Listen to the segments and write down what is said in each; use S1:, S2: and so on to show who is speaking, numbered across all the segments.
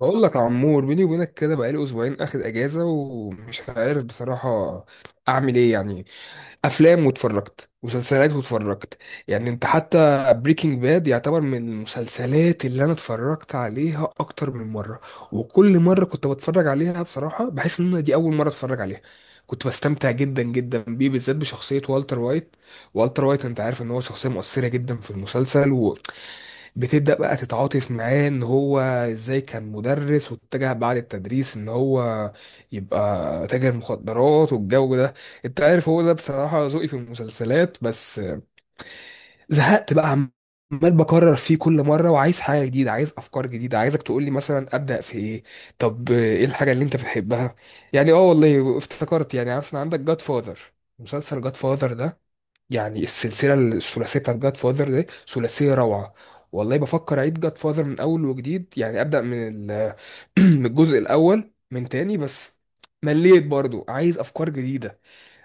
S1: بقول لك يا عمور، بيني وبينك كده بقالي اسبوعين اخد اجازه ومش عارف بصراحه اعمل ايه. يعني افلام واتفرجت، مسلسلات واتفرجت. يعني انت حتى بريكنج باد يعتبر من المسلسلات اللي انا اتفرجت عليها اكتر من مره، وكل مره كنت بتفرج عليها بصراحه بحس ان دي اول مره اتفرج عليها. كنت بستمتع جدا جدا بيه، بالذات بشخصيه والتر وايت. والتر وايت انت عارف ان هو شخصيه مؤثره جدا في المسلسل. بتبدأ بقى تتعاطف معاه ان هو ازاي كان مدرس واتجه بعد التدريس ان هو يبقى تاجر مخدرات والجو ده. انت عارف، هو ده بصراحة ذوقي في المسلسلات. بس زهقت بقى، عمال بكرر فيه كل مرة، وعايز حاجة جديدة، عايز افكار جديدة. عايزك تقولي مثلا ابدأ في ايه؟ طب ايه الحاجة اللي انت بتحبها؟ يعني اه، والله افتكرت، يعني مثلا عندك جاد فاذر. مسلسل جاد فاذر ده، يعني السلسله الثلاثيه بتاعت جاد فاذر دي ثلاثيه روعه. والله بفكر اعيد جاد فاذر من اول وجديد، يعني ابدا من من الجزء الاول من تاني. بس مليت برضو، عايز افكار جديده.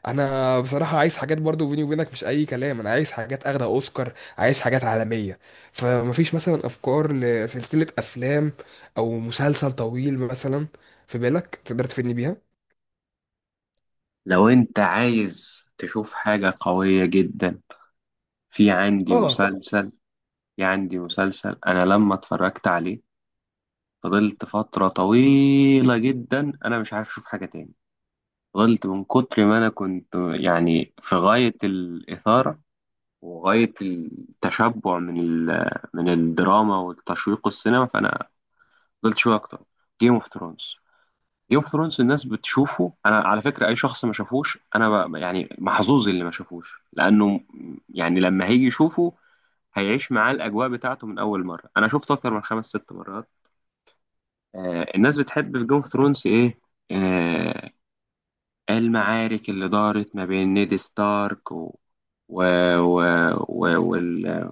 S1: انا بصراحه عايز حاجات، برضو بيني وبينك مش اي كلام، انا عايز حاجات اخده اوسكار، عايز حاجات عالميه. فمفيش مثلا افكار لسلسله افلام او مسلسل طويل مثلا في بالك تقدر تفيدني
S2: لو انت عايز تشوف حاجة قوية جدا، في عندي
S1: بيها؟
S2: مسلسل في عندي مسلسل انا لما اتفرجت عليه فضلت فترة طويلة جدا انا مش عارف اشوف حاجة تاني. فضلت من كتر ما انا كنت يعني في غاية الإثارة وغاية التشبع من الدراما والتشويق السينما، فانا فضلت شوية اكتر. جيم اوف ثرونز. جيم اوف ثرونز الناس بتشوفه، انا على فكره اي شخص ما شافوش، انا يعني محظوظ اللي ما شافوش، لانه يعني لما هيجي يشوفه هيعيش معاه الاجواء بتاعته. من اول مره انا شفته اكتر من خمس ست مرات. الناس بتحب في جيم اوف ثرونز ايه؟ آه المعارك اللي دارت ما بين نيد ستارك و... و... و... و... وال...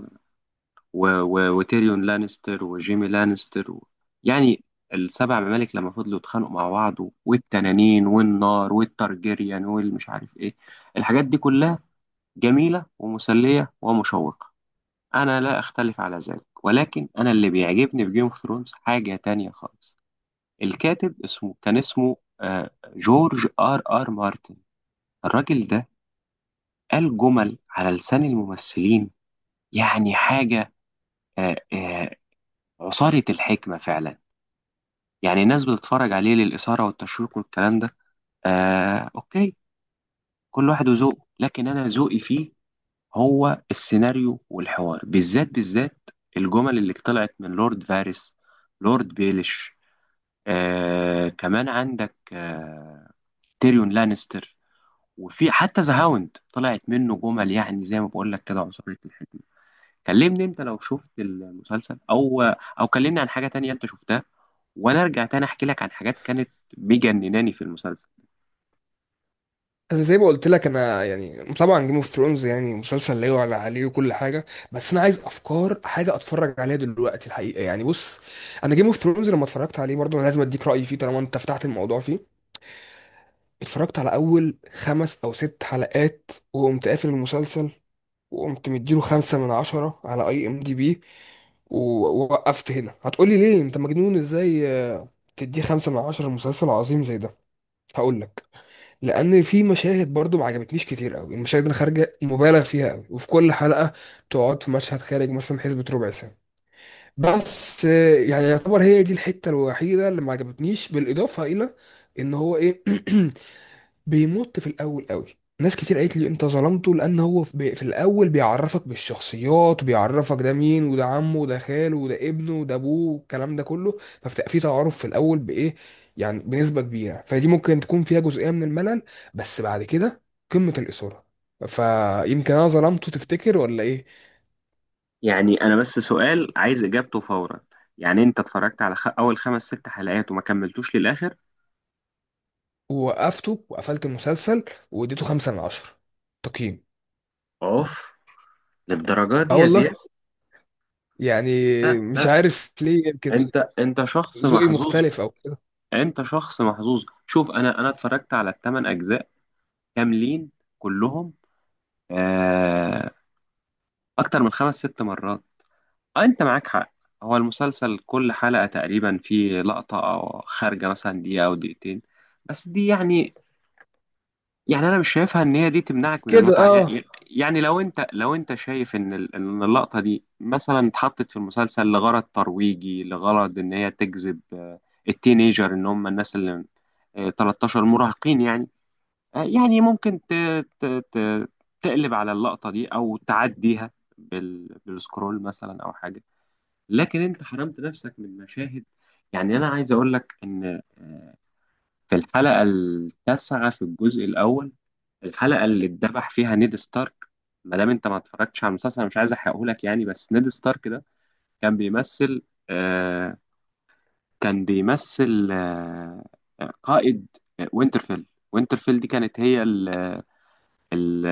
S2: و... و... وتيريون لانستر وجيمي لانستر يعني السبع ممالك لما فضلوا يتخانقوا مع بعض، والتنانين والنار والترجيريان والمش عارف ايه، الحاجات دي كلها جميلة ومسلية ومشوقة. انا لا اختلف على ذلك، ولكن انا اللي بيعجبني في جيم اوف ثرونز حاجة تانية خالص. الكاتب اسمه جورج ار ار مارتن. الراجل ده قال جمل على لسان الممثلين، يعني حاجة، آه، آه، عصارة الحكمة فعلا. يعني الناس بتتفرج عليه للإثارة والتشويق والكلام ده، أوكي، كل واحد وذوقه، لكن أنا ذوقي فيه هو السيناريو والحوار بالذات بالذات. الجمل اللي طلعت من لورد فارس، لورد بيليش، كمان عندك تيريون لانستر، وفي حتى ذا هاوند طلعت منه جمل، يعني زي ما بقول لك كده عصارة الحكمة. كلمني انت لو شفت المسلسل، او كلمني عن حاجة تانية انت شفتها، وانا ارجع تاني احكي لك عن حاجات كانت مجنناني في المسلسل.
S1: انا زي ما قلت لك، انا يعني طبعا جيم اوف ثرونز يعني مسلسل لا يعلى عليه وكل حاجه، بس انا عايز افكار حاجه اتفرج عليها دلوقتي الحقيقه. يعني بص، انا جيم اوف ثرونز لما اتفرجت عليه برضه، انا لازم اديك رايي فيه طالما انت فتحت الموضوع فيه. اتفرجت على اول خمس او ست حلقات، وقمت قافل المسلسل، وقمت مديله 5/10 على اي ام دي بي. ووقفت هنا. هتقولي ليه انت مجنون ازاي؟ تديه 5/10 لمسلسل عظيم زي ده؟ هقولك، لان في مشاهد برضو ما عجبتنيش كتير قوي. المشاهد اللي خارجه مبالغ فيها قوي، وفي كل حلقه تقعد في مشهد خارج مثلا حسبة ربع ساعه. بس يعني يعتبر هي دي الحته الوحيده اللي ما عجبتنيش، بالاضافه الى ان هو ايه، بيمط في الاول قوي. ناس كتير قالت لي انت ظلمته، لان هو في في الاول بيعرفك بالشخصيات، وبيعرفك ده مين وده عمه وده خاله وده ابنه وده ابوه والكلام ده كله، فبتبقى في تعارف في الاول بايه، يعني بنسبه كبيره، فدي ممكن تكون فيها جزئيه من الملل. بس بعد كده قمه الاثاره. فيمكن انا ظلمته، تفتكر ولا ايه؟
S2: يعني انا بس سؤال عايز اجابته فورا، يعني انت اتفرجت على اول خمس ست حلقات وما كملتوش للاخر؟
S1: ووقفته وقفلت المسلسل واديته 5/10 تقييم.
S2: اوف، للدرجه دي
S1: اه
S2: يا زياد؟
S1: والله يعني،
S2: لا
S1: مش
S2: لا،
S1: عارف ليه. يمكن
S2: انت شخص
S1: ذوقي
S2: محظوظ.
S1: مختلف او
S2: انت شخص محظوظ. شوف، انا اتفرجت على الثمان اجزاء كاملين كلهم، آه... اكتر من خمس ست مرات. آه، انت معاك حق. هو المسلسل كل حلقه تقريبا فيه لقطه او خارجه مثلا دقيقه او دقيقتين، بس دي يعني، انا مش شايفها ان هي دي تمنعك من
S1: كده،
S2: المتعه. يعني
S1: اه.
S2: لو انت، شايف ان اللقطه دي مثلا اتحطت في المسلسل لغرض ترويجي، لغرض ان هي تجذب، التينيجر، ان هم الناس اللي 13 مراهقين يعني، يعني ممكن ت... ت... تقلب على اللقطه دي او تعديها بالسكرول مثلا او حاجه. لكن انت حرمت نفسك من مشاهد. يعني انا عايز اقول لك ان في الحلقة التاسعة في الجزء الأول، الحلقة اللي اتذبح فيها نيد ستارك. ما دام أنت ما اتفرجتش على المسلسل أنا مش عايز أحرقهولك يعني، بس نيد ستارك ده كان بيمثل آه كان بيمثل قائد وينترفيل. وينترفيل دي كانت هي ال ال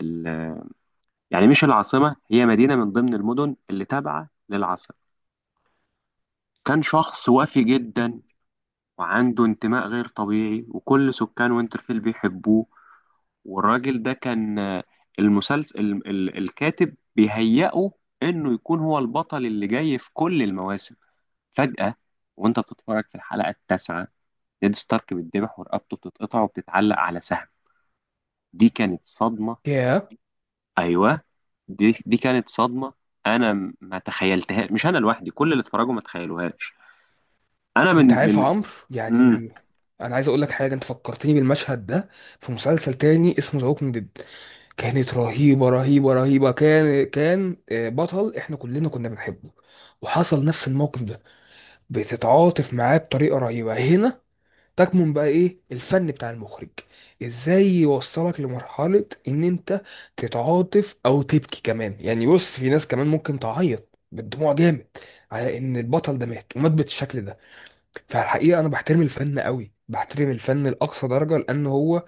S2: ال يعني مش العاصمة، هي مدينة من ضمن المدن اللي تابعة للعاصمة. كان شخص وافي جدا وعنده انتماء غير طبيعي وكل سكان وينترفيل بيحبوه، والراجل ده كان المسلسل، الكاتب بيهيئه انه يكون هو البطل اللي جاي في كل المواسم. فجأة، وانت بتتفرج في الحلقة التاسعة، نيد ستارك بيتذبح ورقبته بتتقطع وبتتعلق على سهم. دي كانت صدمة.
S1: ياه،
S2: ايوه، دي كانت صدمة. انا ما تخيلتها، مش انا لوحدي، كل اللي اتفرجوا ما تخيلوهاش. انا من
S1: انت عارف يا
S2: من
S1: عمرو،
S2: مم.
S1: يعني انا عايز اقول لك حاجه. انت فكرتني بالمشهد ده في مسلسل تاني اسمه ذا ووكينج ديد. كانت رهيبه رهيبه رهيبه. كان كان بطل احنا كلنا كنا بنحبه، وحصل نفس الموقف ده. بتتعاطف معاه بطريقه رهيبه. هنا تكمن بقى ايه الفن بتاع المخرج، ازاي يوصلك لمرحله ان انت تتعاطف او تبكي كمان. يعني بص، في ناس كمان ممكن تعيط بالدموع جامد على ان البطل ده مات ومات بالشكل ده. فالحقيقة أنا بحترم الفن قوي، بحترم الفن لأقصى درجة، لأن هو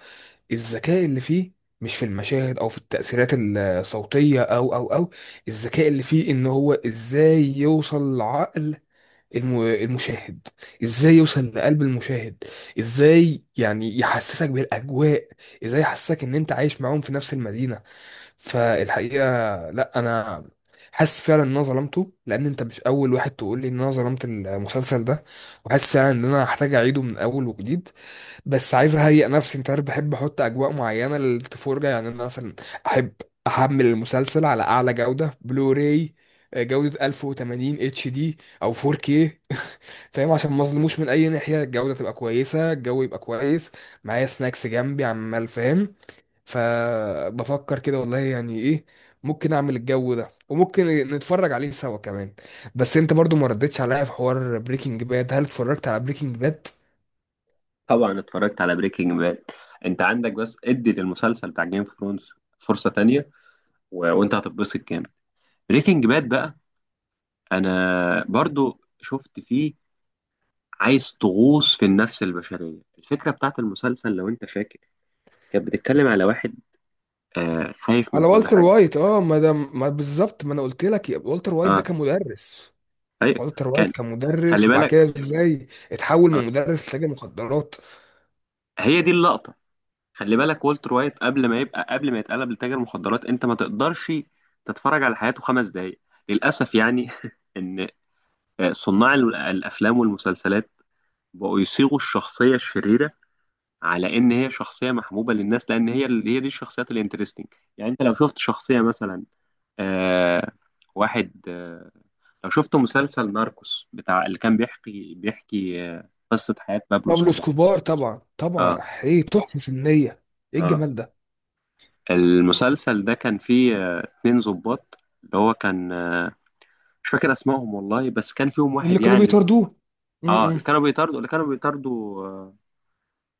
S1: الذكاء اللي فيه مش في المشاهد أو في التأثيرات الصوتية أو الذكاء اللي فيه إن هو إزاي يوصل لعقل المشاهد، إزاي يوصل لقلب المشاهد، إزاي يعني يحسسك بالأجواء، إزاي يحسسك إن أنت عايش معاهم في نفس المدينة. فالحقيقه لا، انا حاسس فعلا ان انا ظلمته، لان انت مش اول واحد تقول لي ان انا ظلمت المسلسل ده. وحاسس فعلا ان انا هحتاج اعيده من اول وجديد. بس عايز اهيئ نفسي، انت عارف بحب احط اجواء معينه للتفرجه. يعني انا مثلا احب احمل المسلسل على اعلى جوده بلوراي، جوده 1080 اتش دي او 4K فاهم؟ عشان ما اظلموش من اي ناحيه، الجوده تبقى كويسه، الجو يبقى كويس، معايا سناكس جنبي عمال، فاهم. فبفكر كده والله، يعني ايه، ممكن اعمل الجو ده وممكن نتفرج عليه سوا كمان. بس انت برضو ما ردتش عليا في حوار بريكنج باد، هل اتفرجت على بريكنج باد؟
S2: طبعا اتفرجت على بريكنج باد. انت عندك بس ادي للمسلسل بتاع جيم اوف ثرونز فرصة تانية وانت هتتبسط جامد. بريكنج باد بقى، انا برضو شفت فيه، عايز تغوص في النفس البشريه. الفكره بتاعت المسلسل لو انت فاكر كانت بتتكلم على واحد خايف من
S1: على
S2: كل
S1: والتر
S2: حاجه.
S1: وايت، اه. ما ده ما بالظبط ما انا قلت لك، والتر وايت ده
S2: اه،
S1: كان مدرس.
S2: هي
S1: والتر وايت
S2: كان
S1: كان
S2: خلي
S1: مدرس، وبعد كده
S2: بالك.
S1: ازاي اتحول
S2: آه
S1: من مدرس لتاجر مخدرات.
S2: هي دي اللقطه. خلي بالك، والتر وايت قبل ما يتقلب لتاجر مخدرات، انت ما تقدرش تتفرج على حياته 5 دقايق. للاسف يعني ان صناع الافلام والمسلسلات بقوا يصيغوا الشخصيه الشريره على ان هي شخصيه محبوبه للناس، لان هي هي دي الشخصيات الانترستنج. يعني انت لو شفت شخصيه مثلا، آه واحد، لو شفت مسلسل ناركوس بتاع، اللي كان بيحكي قصه حياه بابلو
S1: بابلو
S2: اسكوبار.
S1: اسكوبار، طبعا طبعا.
S2: اه،
S1: ايه تحفة فنية، ايه
S2: اه،
S1: الجمال ده.
S2: المسلسل ده كان فيه اتنين ضباط، اللي هو كان مش فاكر اسمائهم والله، بس كان فيهم
S1: اللي
S2: واحد
S1: كانوا
S2: يعني.
S1: بيطاردوه،
S2: اه،
S1: م- م.
S2: اللي كانوا بيطاردوا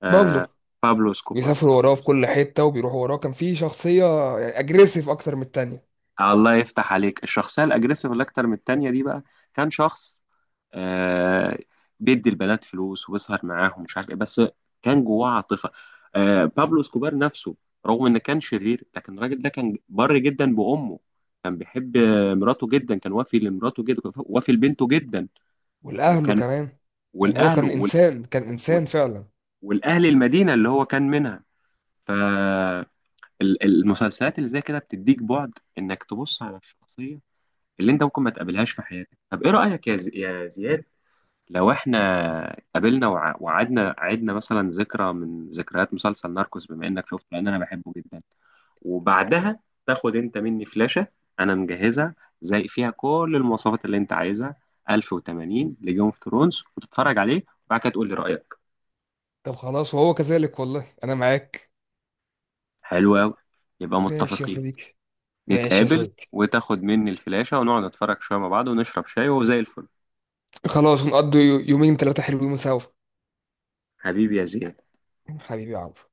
S2: آه
S1: بابلو.
S2: بابلو اسكوبار.
S1: بيسافروا وراه في كل حتة وبيروحوا وراه. كان في شخصية يعني أجريسيف أكتر من التانية.
S2: الله يفتح عليك، الشخصيه الاجريسيف اللي اكتر من التانيه دي بقى كان شخص آه بيدي البنات فلوس وبيسهر معاهم مش عارف ايه، بس كان جواه عاطفه. بابلو اسكوبار نفسه، رغم انه كان شرير، لكن الراجل ده كان بر جدا بامه، كان بيحب مراته جدا، كان وافي لمراته جدا، وافي لبنته جدا.
S1: والأهله
S2: كان
S1: كمان، يعني هو
S2: والاهله
S1: كان إنسان، كان
S2: وال-
S1: إنسان فعلا.
S2: والاهل المدينه اللي هو كان منها. فالمسلسلات اللي زي كده بتديك بعد انك تبص على الشخصيه اللي انت ممكن ما تقابلهاش في حياتك. طب ايه رايك يا يا زياد، لو احنا قابلنا وع- وقعدنا عدنا مثلا ذكرى من ذكريات مسلسل ناركوس، بما انك شفته لان انا بحبه جدا، وبعدها تاخد انت مني فلاشة انا مجهزها، زي فيها كل المواصفات اللي انت عايزها، 1080 لجيم اوف ثرونز، وتتفرج عليه وبعد كده تقول لي رأيك.
S1: طب خلاص، وهو كذلك والله أنا معاك.
S2: حلو قوي، يبقى
S1: ماشي يا
S2: متفقين.
S1: صديقي، ماشي يا
S2: نتقابل
S1: صديقي.
S2: وتاخد مني الفلاشة ونقعد نتفرج شوية مع بعض ونشرب شاي وزي الفل.
S1: خلاص، ونقضي يومين ثلاثة حلوين سوا.
S2: حبيبي يا زياد.
S1: حبيبي يا عمرو.